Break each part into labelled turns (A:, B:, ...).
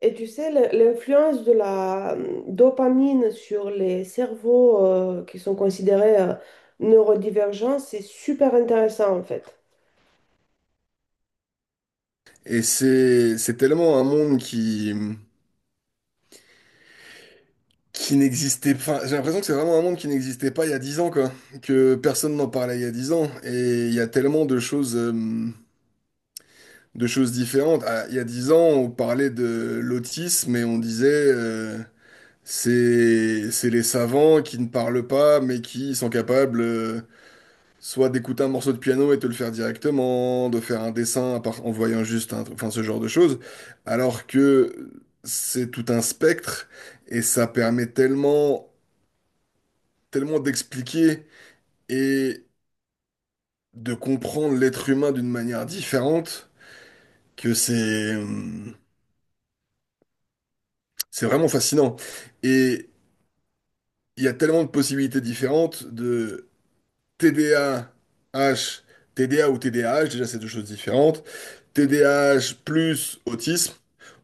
A: Et tu sais, l'influence de la dopamine sur les cerveaux qui sont considérés neurodivergents, c'est super intéressant en fait.
B: Et c'est tellement un monde qui n'existait pas. J'ai l'impression que c'est vraiment un monde qui n'existait pas il y a 10 ans, quoi. Que personne n'en parlait il y a 10 ans. Et il y a tellement de choses différentes. Ah, il y a 10 ans, on parlait de l'autisme et on disait c'est les savants qui ne parlent pas mais qui sont capables soit d'écouter un morceau de piano et te le faire directement, de faire un dessin en voyant juste un, enfin ce genre de choses, alors que c'est tout un spectre et ça permet tellement, tellement d'expliquer et de comprendre l'être humain d'une manière différente que c'est vraiment fascinant. Et il y a tellement de possibilités différentes de TDAH. TDA ou TDAH, déjà c'est deux choses différentes, TDAH plus autisme.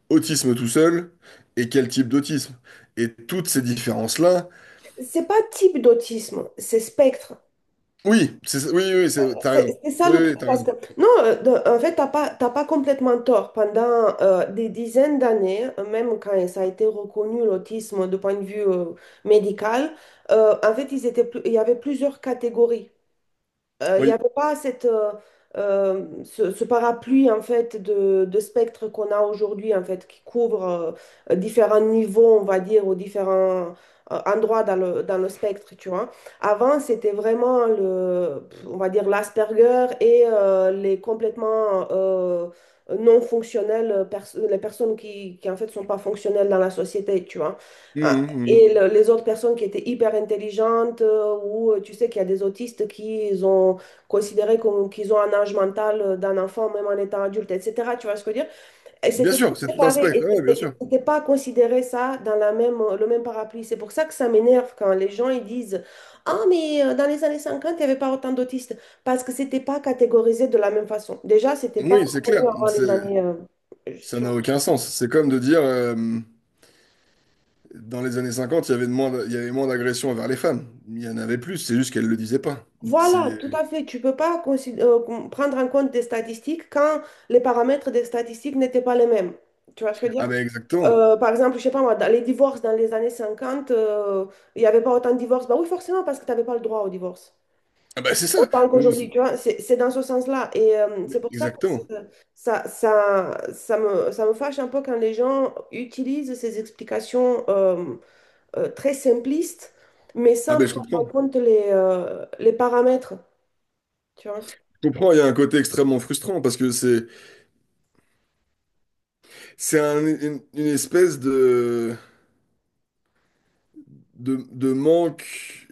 B: Autisme tout seul et quel type d'autisme. Et toutes ces différences-là,
A: C'est pas type d'autisme, c'est spectre.
B: oui, oui, oui, t'as raison.
A: C'est ça
B: Oui,
A: le
B: oui,
A: truc.
B: oui, t'as
A: Parce
B: raison.
A: que, non, en fait, t'as pas complètement tort. Pendant des dizaines d'années, même quand ça a été reconnu l'autisme de point de vue médical, en fait, il y avait plusieurs catégories. Il n'y
B: Oui.
A: avait pas ce parapluie en fait de spectre qu'on a aujourd'hui en fait qui couvre différents niveaux on va dire ou différents endroits dans dans le spectre tu vois. Avant c'était vraiment le on va dire l'Asperger et les complètement non fonctionnels pers- les personnes qui en fait sont pas fonctionnelles dans la société tu vois.
B: Mmh,
A: Euh,
B: mmh, mmh.
A: les autres personnes qui étaient hyper intelligentes, ou tu sais qu'il y a des autistes qui ils ont considéré comme, qu'ils ont un âge mental d'un enfant, même en étant adulte, etc. Tu vois ce que je veux dire? Et
B: Bien
A: c'était tout
B: sûr, c'est tout un
A: séparé,
B: spectre,
A: et
B: ouais, bien sûr.
A: c'était pas considéré ça dans la même, le même parapluie. C'est pour ça que ça m'énerve quand les gens ils disent, Ah, mais dans les années 50 il n'y avait pas autant d'autistes, parce que c'était pas catégorisé de la même façon. Déjà, c'était pas
B: Oui, c'est
A: connu
B: clair.
A: avant les années...
B: Ça
A: je-
B: n'a aucun sens. C'est comme de dire, dans les années 50, il y avait il y avait moins d'agressions envers les femmes. Il y en avait plus, c'est juste qu'elles ne le disaient pas. C'est...
A: Voilà, tout à fait. Tu peux pas prendre en compte des statistiques quand les paramètres des statistiques n'étaient pas les mêmes. Tu vois ce que je veux
B: Ah
A: dire?
B: ben exactement.
A: Par exemple, je sais pas moi, dans les divorces dans les années 50, il n'y avait pas autant de divorces. Bah oui, forcément, parce que tu n'avais pas le droit au divorce.
B: Ah ben c'est ça.
A: Autant qu'aujourd'hui, tu vois, c'est dans ce sens-là. Et c'est pour ça que c'est-
B: Exactement.
A: ça, ça me fâche un peu quand les gens utilisent ces explications très simplistes, mais
B: Ah
A: sans
B: ben je
A: prendre en
B: comprends.
A: compte les paramètres. Tu vois?
B: Je comprends, il y a un côté extrêmement frustrant parce que c'est. C'est une espèce de manque,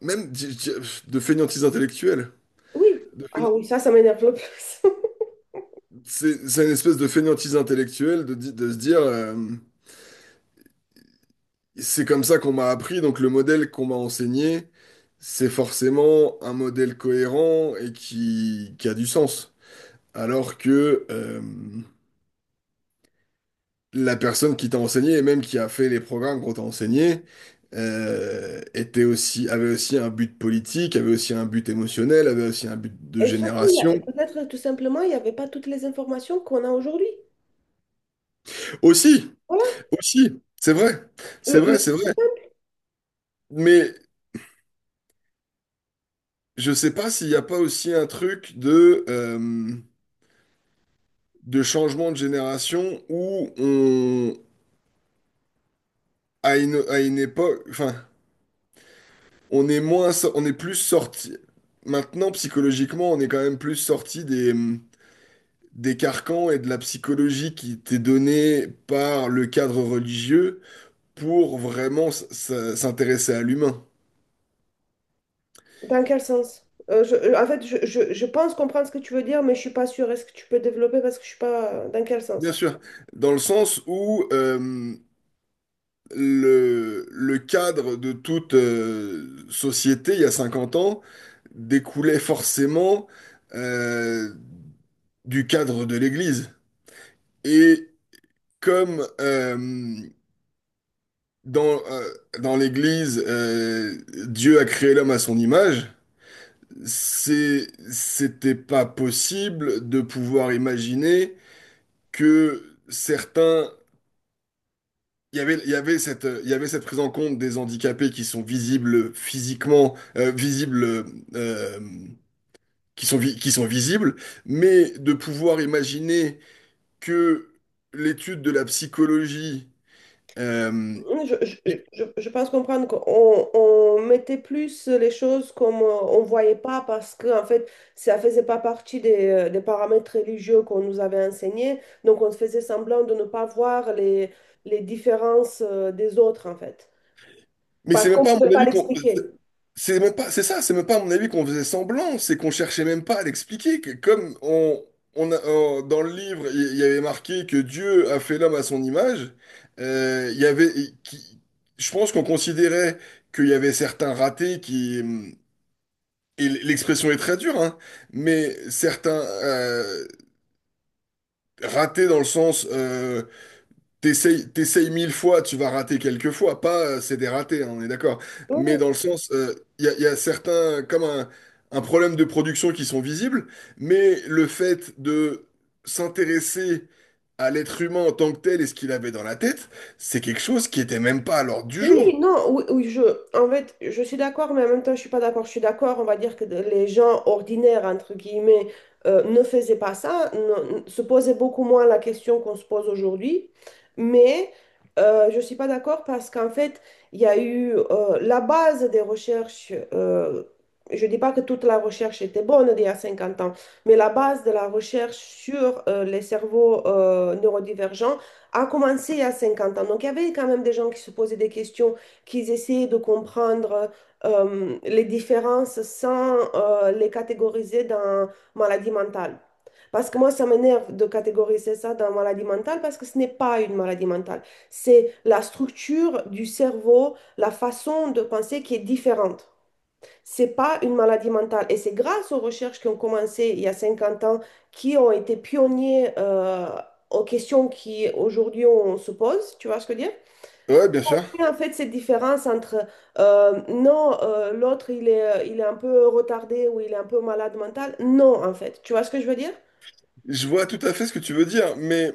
B: même de fainéantise intellectuelle.
A: Oui,
B: De fainé-
A: ah oui, ça m'énerve le plus.
B: c'est une espèce de fainéantise intellectuelle de, de se dire, c'est comme ça qu'on m'a appris, donc le modèle qu'on m'a enseigné, c'est forcément un modèle cohérent et qui a du sens. Alors que, la personne qui t'a enseigné et même qui a fait les programmes qu'on t'a enseigné était aussi, avait aussi un but politique, avait aussi un but émotionnel, avait aussi un but de
A: Et surtout,
B: génération.
A: peut-être tout simplement, il n'y avait pas toutes les informations qu'on a aujourd'hui.
B: Aussi,
A: Voilà.
B: aussi, c'est vrai, c'est
A: Le-
B: vrai, c'est
A: le-
B: vrai. Mais je sais pas s'il n'y a pas aussi un truc de changement de génération où on, à une époque, enfin, on est plus sorti. Maintenant, psychologiquement, on est quand même plus sorti des carcans et de la psychologie qui t'est donnée par le cadre religieux pour vraiment s'intéresser à l'humain.
A: Dans quel sens? En fait, je pense comprendre ce que tu veux dire, mais je suis pas sûre. Est-ce que tu peux développer parce que je suis pas... Dans quel
B: Bien
A: sens?
B: sûr, dans le sens où le cadre de toute société il y a 50 ans découlait forcément euh, du cadre de l'Église. Et comme dans, euh, dans l'Église, Dieu a créé l'homme à son image, c'était pas possible de pouvoir imaginer que certains, il y avait cette prise en compte des handicapés qui sont visibles physiquement, visibles, euh, qui sont visibles, mais de pouvoir imaginer que l'étude de la psychologie, euh,
A: Je, je pense comprendre qu'on on mettait plus les choses comme on voyait pas parce que en fait ça faisait pas partie des paramètres religieux qu'on nous avait enseignés donc on faisait semblant de ne pas voir les différences des autres en fait
B: mais
A: parce
B: c'est
A: qu'on
B: même
A: ne
B: pas à
A: pouvait
B: mon
A: pas
B: avis qu'on.
A: l'expliquer.
B: C'est même pas, c'est ça, c'est même pas à mon avis qu'on faisait semblant, c'est qu'on cherchait même pas à l'expliquer. Que Comme on a, dans le livre, il y avait marqué que Dieu a fait l'homme à son image, il y avait, qui- je pense qu'on considérait qu'il y avait certains ratés et l'expression est très dure, hein, mais certains ratés dans le sens T'essayes 1000 fois, tu vas rater quelques fois. Pas, c'est des ratés, hein, on est d'accord. Mais dans
A: Ouais.
B: le sens, il y a certains, comme un problème de production qui sont visibles, mais le fait de s'intéresser à l'être humain en tant que tel et ce qu'il avait dans la tête, c'est quelque chose qui était même pas à l'ordre du jour.
A: Oui, non, oui, oui, je, en fait, je suis d'accord, mais en même temps, je suis pas d'accord. Je suis d'accord, on va dire que les gens ordinaires, entre guillemets, ne faisaient pas ça, se posaient beaucoup moins la question qu'on se pose aujourd'hui. Mais je suis pas d'accord parce qu'en fait, il y a eu la base des recherches. Je dis pas que toute la recherche était bonne d'il y a 50 ans, mais la base de la recherche sur les cerveaux neurodivergents a commencé à 50 ans. Donc, il y avait quand même des gens qui se posaient des questions, qui essayaient de comprendre les différences sans les catégoriser dans maladie mentale. Parce que moi, ça m'énerve de catégoriser ça dans maladie mentale parce que ce n'est pas une maladie mentale. C'est la structure du cerveau, la façon de penser qui est différente. C'est pas une maladie mentale. Et c'est grâce aux recherches qui ont commencé il y a 50 ans, qui ont été pionniers aux questions qui aujourd'hui on se pose, tu vois ce que je veux dire?
B: Ouais, bien sûr.
A: Et en fait, cette différence entre non, l'autre il est un peu retardé ou il est un peu malade mental, non, en fait, tu vois ce que je veux dire?
B: Je vois tout à fait ce que tu veux dire, mais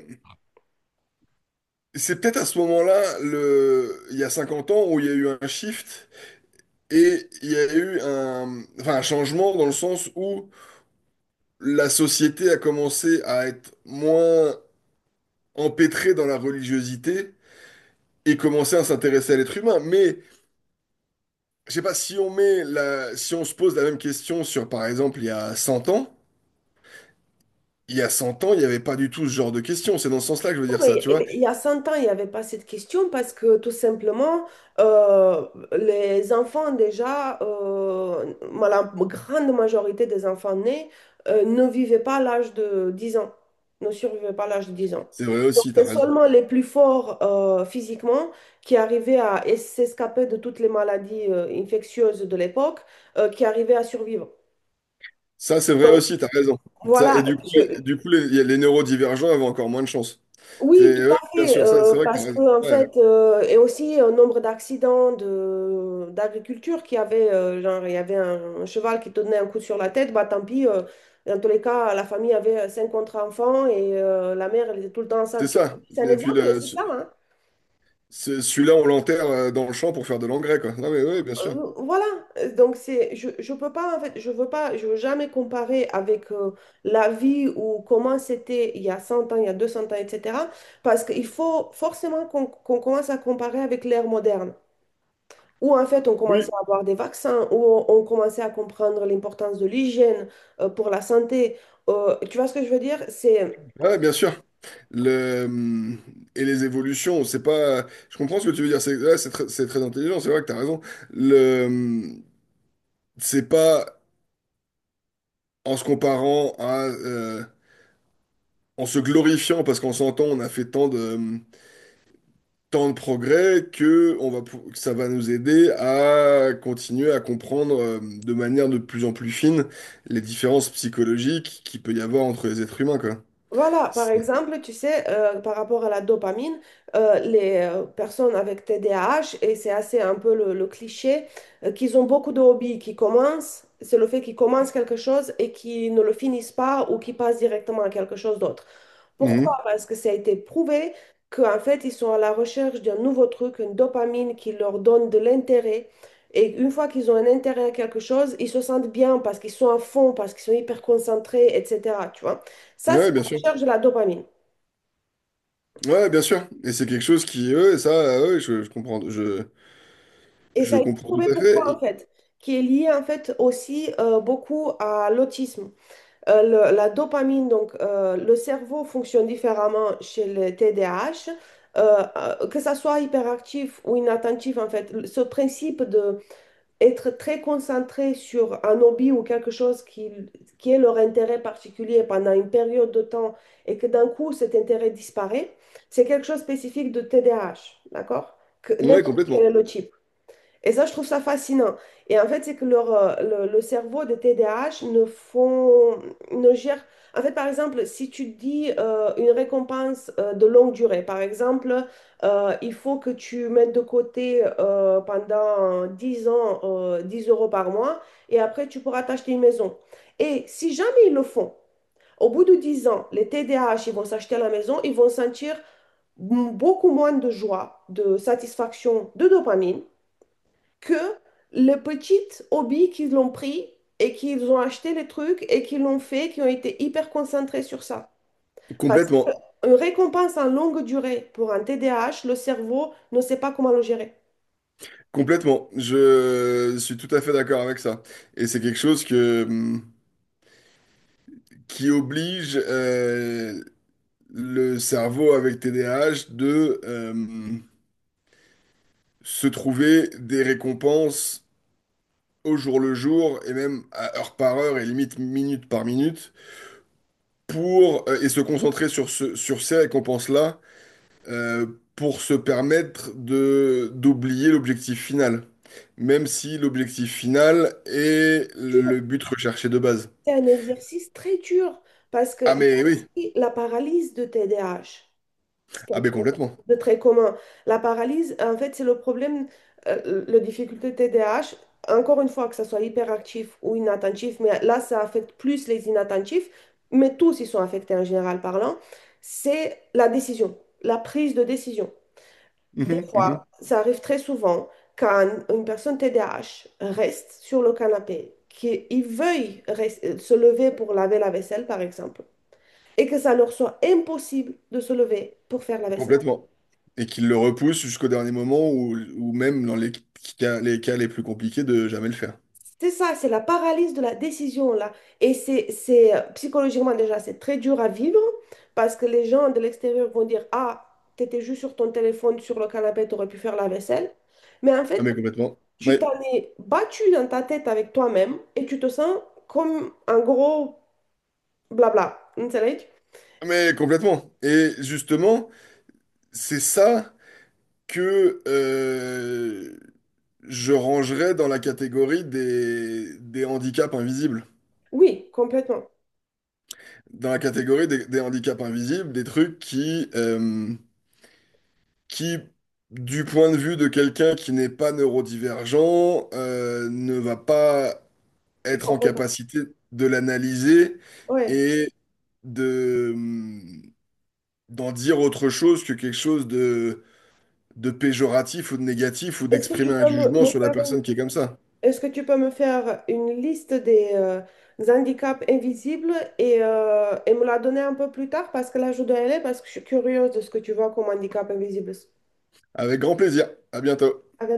B: c'est peut-être à ce moment-là, il y a 50 ans, où il y a eu un shift et il y a eu un, enfin, un changement dans le sens où la société a commencé à être moins empêtrée dans la religiosité et commencer à s'intéresser à l'être humain. Mais je sais pas si si on se pose la même question sur, par exemple, il y a 100 ans, il y a 100 ans, il n'y avait pas du tout ce genre de question. C'est dans ce sens-là que je veux dire ça,
A: Oui,
B: tu vois.
A: il y a 100 ans, il n'y avait pas cette question parce que tout simplement, euh, les enfants déjà, la grande majorité des enfants nés ne vivaient pas à l'âge de 10 ans, ne survivaient pas à l'âge de 10 ans.
B: C'est vrai
A: Donc,
B: aussi, t'as
A: c'est
B: raison.
A: seulement les plus forts physiquement qui arrivaient à s'escaper de toutes les maladies infectieuses de l'époque, qui arrivaient à survivre.
B: Ça, c'est vrai
A: Donc,
B: aussi, t'as raison. Ça, et
A: voilà, je,
B: du coup, les, il y a- les neurodivergents avaient encore moins de chance.
A: oui, tout
B: C'est, ouais,
A: à
B: bien
A: fait,
B: sûr, ça, c'est vrai que
A: parce
B: t'as
A: que
B: raison.
A: en
B: Ouais,
A: fait, et aussi un nombre d'accidents de d'agriculture qui avait, genre, il y avait un cheval qui donnait un coup sur la tête, bah tant pis, dans tous les cas, la famille avait cinq contre enfants et la mère, elle était tout le temps
B: c'est
A: enceinte. Tu vois,
B: ça.
A: c'est un
B: Et puis,
A: exemple, mais c'est ça, hein.
B: celui-là, on l'enterre dans le champ pour faire de l'engrais, quoi. Non, mais oui, bien sûr.
A: Euh, voilà, donc c'est, je peux pas, en fait, je veux pas, je veux jamais comparer avec la vie ou comment c'était il y a 100 ans, il y a 200 ans, etc. Parce qu'il faut forcément qu'on commence à comparer avec l'ère moderne, où en fait on commençait
B: Oui,
A: à avoir des vaccins, où on commençait à comprendre l'importance de l'hygiène pour la santé. Tu vois ce que je veux dire? C'est
B: ah ouais, bien sûr. Le, hum, et les évolutions, c'est pas. Je comprends ce que tu veux dire. C'est très intelligent. C'est vrai que t'as raison. Le, hum, c'est pas en se comparant à, en se glorifiant parce qu'en s'entend, on a fait tant de progrès que que ça va nous aider à continuer à comprendre de manière de plus en plus fine les différences psychologiques qu'il peut y avoir entre les êtres humains, quoi.
A: voilà, par
B: C'est-
A: exemple, tu sais, par rapport à la dopamine, les personnes avec TDAH, et c'est assez un peu le cliché, qu'ils ont beaucoup de hobbies qui commencent, c'est le fait qu'ils commencent quelque chose et qu'ils ne le finissent pas ou qu'ils passent directement à quelque chose d'autre. Pourquoi?
B: Mhm.
A: Parce que ça a été prouvé qu'en fait, ils sont à la recherche d'un nouveau truc, une dopamine qui leur donne de l'intérêt. Et une fois qu'ils ont un intérêt à quelque chose, ils se sentent bien parce qu'ils sont à fond, parce qu'ils sont hyper concentrés, etc. Tu vois? Ça,
B: Ouais, bien sûr.
A: recherche de la dopamine.
B: Ouais, bien sûr. Et c'est quelque chose qui, ouais, ça, ouais, je comprends, je,
A: Et ça
B: je
A: a été
B: comprends tout
A: prouvé
B: à fait.
A: pourquoi, en fait, qui est lié, en fait, aussi beaucoup à l'autisme. La dopamine, donc, le cerveau fonctionne différemment chez les TDAH, que ça soit hyperactif ou inattentif, en fait, ce principe de être très concentré sur un hobby ou quelque chose qui est leur intérêt particulier pendant une période de temps et que d'un coup cet intérêt disparaît, c'est quelque chose de spécifique de TDAH, d'accord? Que
B: Ouais,
A: n'importe quel
B: complètement,
A: est le type. Et ça, je trouve ça fascinant. Et en fait, c'est que le cerveau des TDAH ne font, ne gère. En fait, par exemple, si tu dis une récompense de longue durée, par exemple, il faut que tu mettes de côté pendant 10 ans 10 euros par mois et après tu pourras t'acheter une maison. Et si jamais ils le font, au bout de 10 ans, les TDAH, ils vont s'acheter la maison, ils vont sentir beaucoup moins de joie, de satisfaction, de dopamine que les petites hobbies qu'ils ont pris et qu'ils ont acheté les trucs et qu'ils l'ont fait, qui ont été hyper concentrés sur ça. Parce
B: complètement,
A: qu'une récompense en longue durée pour un TDAH, le cerveau ne sait pas comment le gérer.
B: complètement. Je suis tout à fait d'accord avec ça. Et c'est quelque chose que, qui oblige le cerveau avec TDAH de se trouver des récompenses au jour le jour et même à heure par heure et limite minute par minute pour et se concentrer sur ces récompenses-là euh, pour se permettre de d'oublier l'objectif final, même si l'objectif final est
A: Dur.
B: le but recherché de base.
A: C'est un exercice très dur parce qu'il
B: Ah
A: y a
B: mais oui,
A: aussi la paralysie de TDAH. C'est
B: ah
A: quelque
B: mais
A: chose
B: complètement.
A: de très commun. La paralysie, en fait, c'est le problème, le difficulté T D A H. Encore une fois, que ce soit hyperactif ou inattentif, mais là, ça affecte plus les inattentifs, mais tous ils sont affectés en général parlant. C'est la décision, la prise de décision. Des
B: Mhm,
A: fois,
B: mhm.
A: ça arrive très souvent quand une personne T D A H reste sur le canapé, qu'il veuille se lever pour laver la vaisselle, par exemple, et que ça leur soit impossible de se lever pour faire la vaisselle.
B: Complètement. Et qu'il le repousse jusqu'au dernier moment ou même dans les cas les plus compliqués de jamais le faire.
A: C'est ça, c'est la paralysie de la décision là. Et c'est psychologiquement déjà, c'est très dur à vivre parce que les gens de l'extérieur vont dire, Ah, t'étais juste sur ton téléphone, sur le canapé, t'aurais pu faire la vaisselle. Mais en
B: Ah mais
A: fait,
B: complètement.
A: tu
B: Ouais.
A: t'en es battu dans ta tête avec toi-même et tu te sens comme un gros blabla. Vous savez?
B: Ah, mais complètement. Et justement, c'est ça que je rangerais dans la catégorie des handicaps invisibles.
A: Oui, complètement.
B: Dans la catégorie des handicaps invisibles, des trucs qui, du point de vue de quelqu'un qui n'est pas neurodivergent, ne va pas
A: Et
B: être en
A: complètement.
B: capacité de l'analyser
A: Ouais.
B: et de, d'en dire autre chose que quelque chose de péjoratif ou de négatif ou
A: Est-ce que
B: d'exprimer
A: tu
B: un
A: peux me,
B: jugement
A: me
B: sur la
A: faire une,
B: personne qui est comme ça.
A: Est-ce que tu peux me faire une liste des handicaps invisibles et me la donner un peu plus tard parce que là, je dois y aller parce que je suis curieuse de ce que tu vois comme handicap invisible.
B: Avec grand plaisir. À bientôt.
A: À